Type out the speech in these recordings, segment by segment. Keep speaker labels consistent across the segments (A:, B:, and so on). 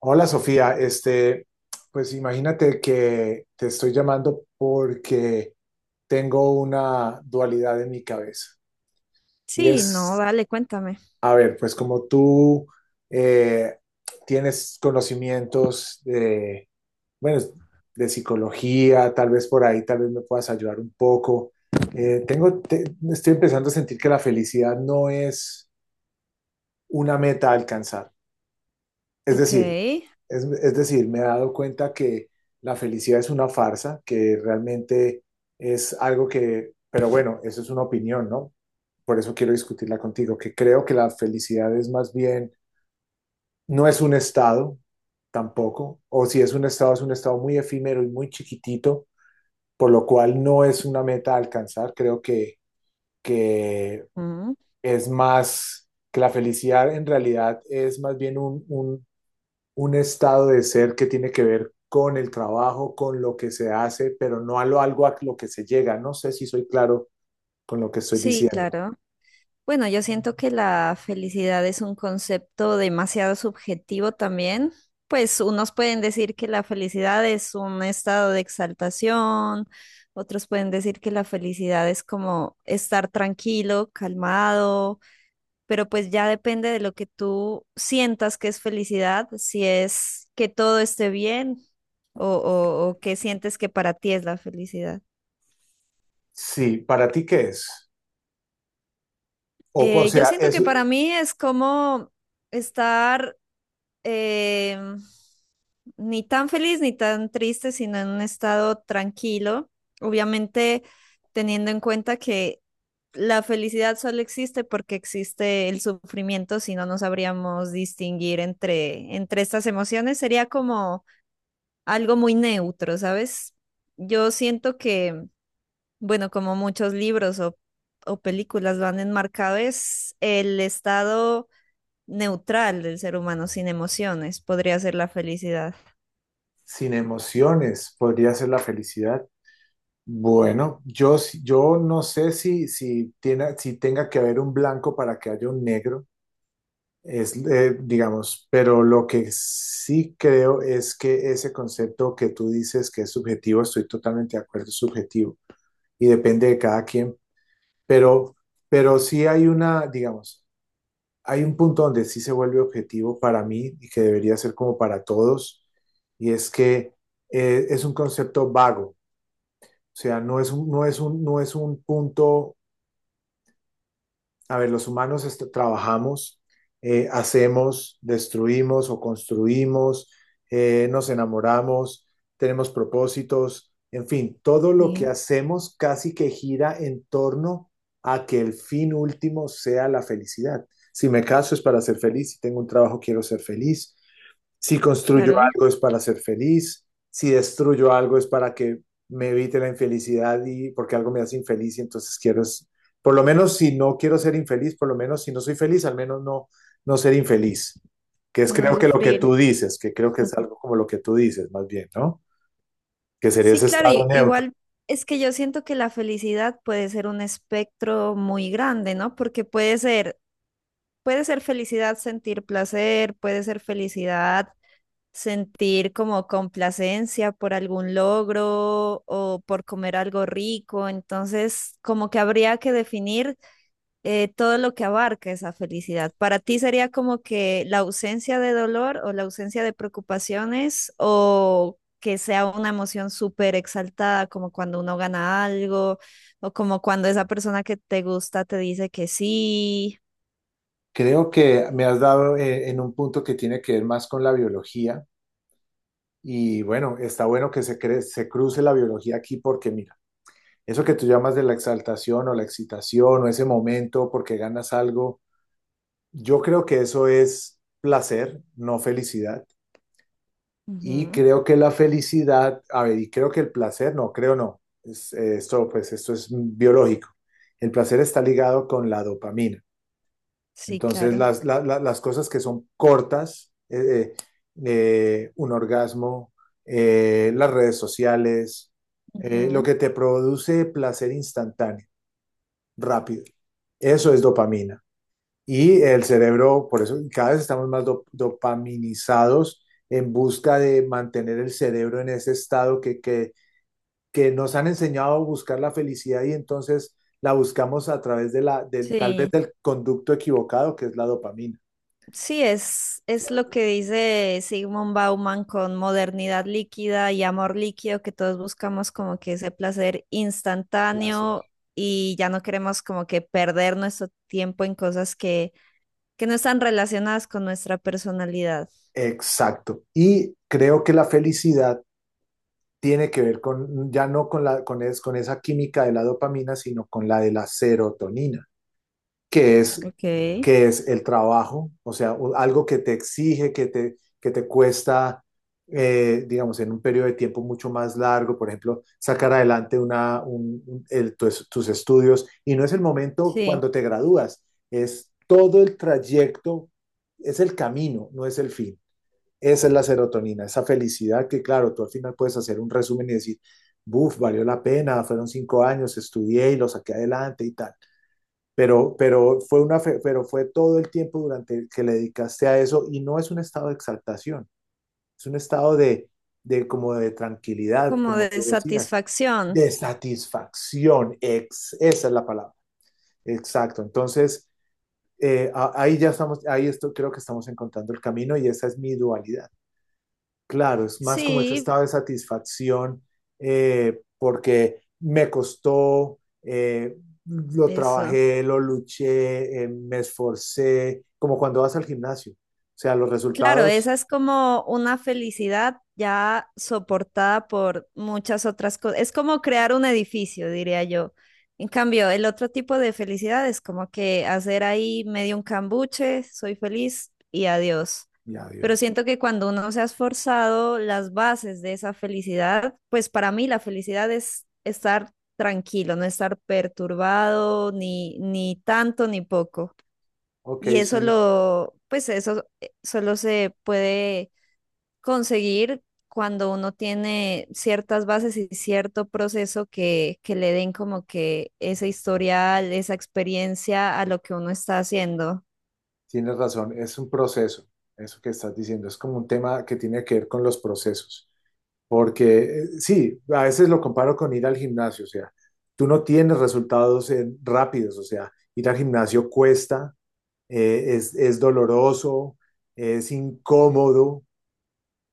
A: Hola Sofía, pues imagínate que te estoy llamando porque tengo una dualidad en mi cabeza. Y
B: Sí, no,
A: es,
B: dale, cuéntame.
A: a ver, pues como tú eh, tienes conocimientos de, bueno, de psicología, tal vez por ahí, tal vez me puedas ayudar un poco. Eh, tengo, te- Estoy empezando a sentir que la felicidad no es una meta a alcanzar. Es
B: Ok.
A: decir, es decir, me he dado cuenta que la felicidad es una farsa, que realmente es algo que, pero bueno, eso es una opinión, ¿no? Por eso quiero discutirla contigo, que creo que la felicidad es más bien, no es un estado tampoco, o si es un estado, es un estado muy efímero y muy chiquitito, por lo cual no es una meta a alcanzar. Creo que
B: Mm.
A: es más, que la felicidad en realidad es más bien un estado de ser que tiene que ver con el trabajo, con lo que se hace, pero no a lo algo a lo que se llega. No sé si soy claro con lo que estoy
B: Sí,
A: diciendo.
B: claro. Bueno, yo siento que la felicidad es un concepto demasiado subjetivo también. Pues unos pueden decir que la felicidad es un estado de exaltación, otros pueden decir que la felicidad es como estar tranquilo, calmado, pero pues ya depende de lo que tú sientas que es felicidad, si es que todo esté bien o, o que sientes que para ti es la felicidad.
A: Sí, ¿para ti qué es? O, por- o
B: Yo
A: sea,
B: siento que
A: eso
B: para mí es como estar eh, ni tan feliz ni tan triste, sino en un estado tranquilo. Obviamente teniendo en cuenta que la felicidad solo existe porque existe el sufrimiento, si no, no sabríamos distinguir entre estas emociones. Sería como algo muy neutro, ¿sabes? Yo siento que bueno, como muchos libros o películas lo han enmarcado, es el estado neutral del ser humano, sin emociones, podría ser la felicidad.
A: sin emociones podría ser la felicidad. Bueno, yo no sé si tenga que haber un blanco para que haya un negro, digamos, pero lo que sí creo es que ese concepto que tú dices que es subjetivo, estoy totalmente de acuerdo, es subjetivo. Y depende de cada quien, pero, pero sí hay una, digamos, hay un punto donde sí se vuelve objetivo para mí y que debería ser como para todos, y es que es un concepto vago, o sea, no es un punto. A ver, trabajamos, hacemos, destruimos o construimos, nos enamoramos, tenemos propósitos, en fin, todo lo
B: Sí,
A: que hacemos casi que gira en torno a que el fin último sea la felicidad. Si me caso es para ser feliz, si tengo un trabajo quiero ser feliz, si construyo
B: claro,
A: algo es para ser feliz, si destruyo algo es para que me evite la infelicidad y porque algo me hace infeliz y entonces por lo menos si no quiero ser infeliz, por lo menos si no soy feliz, al menos no, no ser infeliz, que es
B: no
A: creo que lo que
B: sufrir.
A: tú dices, que creo que es
B: Ujú.
A: algo como lo que tú dices más bien, ¿no? Que sería
B: Sí,
A: ese
B: claro,
A: estado neutro.
B: igual es que yo siento que la felicidad puede ser un espectro muy grande, ¿no? Porque puede ser felicidad sentir placer, puede ser felicidad sentir como complacencia por algún logro o por comer algo rico. Entonces, como que habría que definir todo lo que abarca esa felicidad. Para ti sería como que la ausencia de dolor o la ausencia de preocupaciones o que sea una emoción súper exaltada, como cuando uno gana algo o como cuando esa persona que te gusta te dice que sí.
A: Creo que me has dado en un punto que tiene que ver más con la biología y bueno, está bueno que se cruce la biología aquí porque mi... Eso que tú llamas de la exaltación o la excitación o ese momento porque ganas algo, yo creo que eso es placer, no felicidad. Y
B: Ujú.
A: creo que la felicidad, a ver, y creo que el placer, no, creo no, esto es biológico. El placer está ligado con la dopamina.
B: Sí,
A: Entonces,
B: claro.
A: las cosas que son cortas, un orgasmo, las redes sociales, lo
B: Ujú.
A: que te produce placer instantáneo, rápido. Eso es dopamina. Y el cerebro, por eso cada vez estamos más dopaminizados en busca de mantener el cerebro en ese estado que nos han enseñado a buscar la felicidad y entonces la buscamos a través de tal vez
B: Sí.
A: del conducto equivocado que es la dopamina.
B: Sí, es lo
A: ¿Cierto?
B: que dice Sigmund Bauman con modernidad líquida y amor líquido, que todos buscamos como que ese placer
A: Placer.
B: instantáneo y ya no queremos como que perder nuestro tiempo en cosas que no están relacionadas con nuestra personalidad.
A: Exacto. Y creo que la felicidad tiene que ver con, ya no con la, con, es- con, esa química de la dopamina, sino con la de la serotonina, que es,
B: Ok,
A: que es el trabajo, o sea, algo que te exige, que te cuesta, digamos, en un periodo de tiempo mucho más largo, por ejemplo, sacar adelante una, un- el- tus, tus estudios. Y no es el momento
B: sí,
A: cuando te gradúas, es todo el trayecto, es el camino, no es el fin. Esa es la serotonina, esa felicidad que, claro, tú al final puedes hacer un resumen y decir, buf, valió la pena, fueron cinco años, estudié y lo saqué adelante y tal. Pero, pero fue todo el tiempo durante el que le dedicaste a eso y no es un estado de exaltación, es un estado de como de tranquilidad,
B: como
A: como
B: de
A: tú decías,
B: satisfacción.
A: de satisfacción, ex, esa es la palabra, exacto. Entonces, ahí ya estamos, ahí esto, creo que estamos encontrando el camino y esa es mi dualidad. Claro, es más como ese
B: Sí,
A: estado de satisfacción porque me costó, lo
B: eso.
A: trabajé, lo luché, me esforcé, como cuando vas al gimnasio. O sea, los
B: Claro,
A: resultados,
B: esa es como una felicidad ya soportada por muchas otras cosas. Es como crear un edificio, diría yo. En cambio, el otro tipo de felicidad es como que hacer ahí medio un cambuche, soy feliz y adiós.
A: ya
B: Pero
A: Dios.
B: siento que cuando uno se ha esforzado las bases de esa felicidad, pues para mí la felicidad es estar tranquilo, no estar perturbado ni, ni tanto ni poco.
A: Ok,
B: Y eso
A: sí,
B: lo, pues eso solo se puede conseguir cuando uno tiene ciertas bases y cierto proceso que le den como que ese historial, esa experiencia a lo que uno está haciendo.
A: tienes razón, es un proceso, eso que estás diciendo, es como un tema que tiene que ver con los procesos, porque sí, a veces lo comparo con ir al gimnasio, o sea, tú no tienes resultados rápidos, o sea, ir al gimnasio cuesta, es doloroso, es incómodo,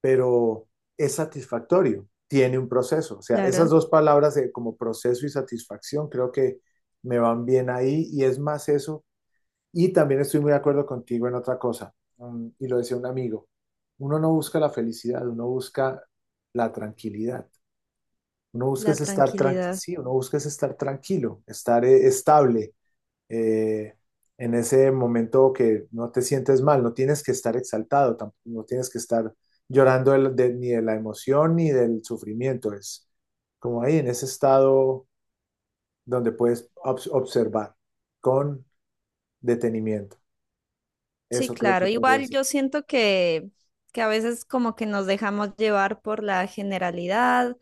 A: pero es satisfactorio, tiene un proceso. O sea, esas
B: Claro,
A: dos palabras de como proceso y satisfacción creo que me van bien ahí y es más eso. Y también estoy muy de acuerdo contigo en otra cosa, y lo decía un amigo, uno no busca la felicidad, uno busca la tranquilidad. Uno busca
B: la
A: es estar tranquilo,
B: tranquilidad.
A: sí, uno busca es estar tranquilo, estar estable, eh, en ese momento que no te sientes mal, no tienes que estar exaltado, tampoco, no tienes que estar llorando ni de la emoción ni del sufrimiento, es como ahí en ese estado donde puedes observar con detenimiento.
B: Sí,
A: Eso creo que
B: claro.
A: podría
B: Igual
A: ser.
B: yo siento que a veces como que nos dejamos llevar por la generalidad.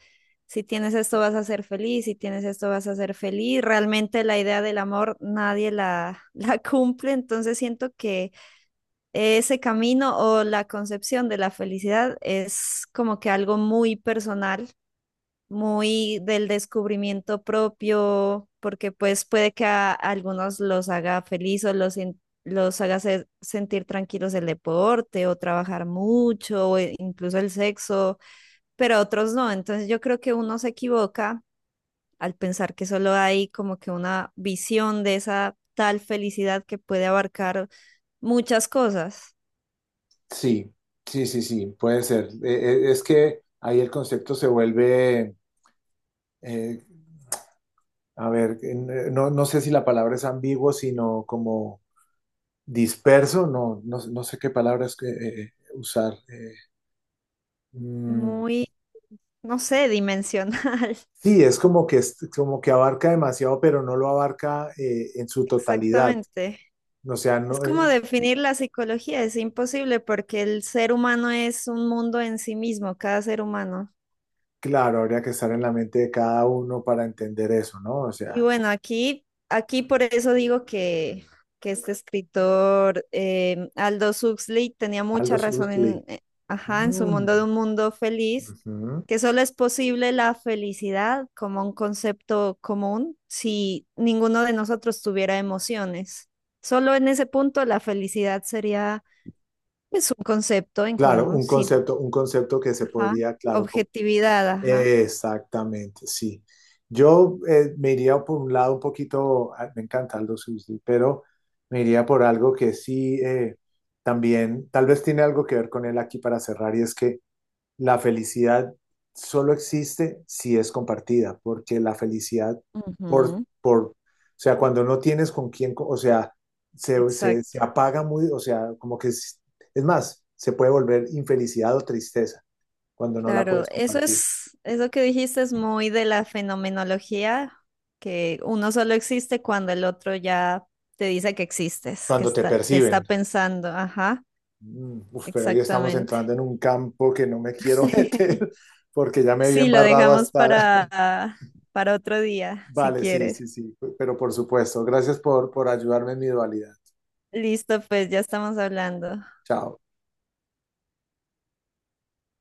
B: Si tienes esto vas a ser feliz, si tienes esto vas a ser feliz. Realmente la idea del amor nadie la, la cumple, entonces siento que ese camino o la concepción de la felicidad es como que algo muy personal muy del descubrimiento propio, porque pues puede que a algunos los haga feliz o los haga sentir tranquilos el deporte o trabajar mucho o incluso el sexo, pero a otros no. Entonces yo creo que uno se equivoca al pensar que solo hay como que una visión de esa tal felicidad que puede abarcar muchas cosas,
A: Sí, sí, sí, sí, puede ser. Es que ahí el concepto se vuelve, eh, a ver, no, no sé si la palabra es ambiguo, sino como disperso, no, no, no sé qué palabras que, usar. mm,
B: muy, no sé, dimensional.
A: sí, es como que, como que abarca demasiado, pero no lo abarca en su totalidad.
B: Exactamente.
A: O sea,
B: Es
A: no,
B: como definir la psicología, es imposible porque el ser humano es un mundo en sí mismo, cada ser humano.
A: Claro, habría que estar en la mente de cada uno para entender eso, ¿no? O
B: Y
A: sea,
B: bueno, aquí por eso digo que este escritor Aldous Huxley tenía mucha
A: Aldous
B: razón
A: Huxley.
B: ajá, en su mundo de
A: Mm,
B: un mundo feliz,
A: ujú.
B: que solo es posible la felicidad como un concepto común si ninguno de nosotros tuviera emociones. Solo en ese punto la felicidad sería pues, un concepto en
A: Claro,
B: común, si
A: un concepto que se
B: Ajá.
A: podría, claro, com-.
B: Objetividad, ajá.
A: Exactamente, sí. Yo me iría por un lado un poquito, ah, me encanta Aldo Huxley, pero me iría por algo que sí también, tal vez tiene algo que ver con él aquí para cerrar, y es que la felicidad solo existe si es compartida, porque la felicidad por,
B: Ujú.
A: por, o cuando no tienes con quién, o sea, se
B: Exacto.
A: apaga muy, o sea, como que es más, se puede volver infelicidad o tristeza cuando no la
B: Claro,
A: puedes
B: eso
A: compartir.
B: es, eso que dijiste es muy de la fenomenología, que uno solo existe cuando el otro ya te dice que existes, que
A: Cuando te
B: está, te está
A: perciben.
B: pensando. Ajá,
A: Mm, uf, pero ahí estamos
B: exactamente.
A: entrando en un campo que no me quiero meter porque ya me vi
B: Sí, lo
A: embarrado
B: dejamos
A: hasta...
B: para, otro día, si
A: Vale, sí,
B: quieres.
A: sí, sí, pero por supuesto, gracias por ayudarme en mi dualidad.
B: Listo, pues ya estamos hablando.
A: Chao.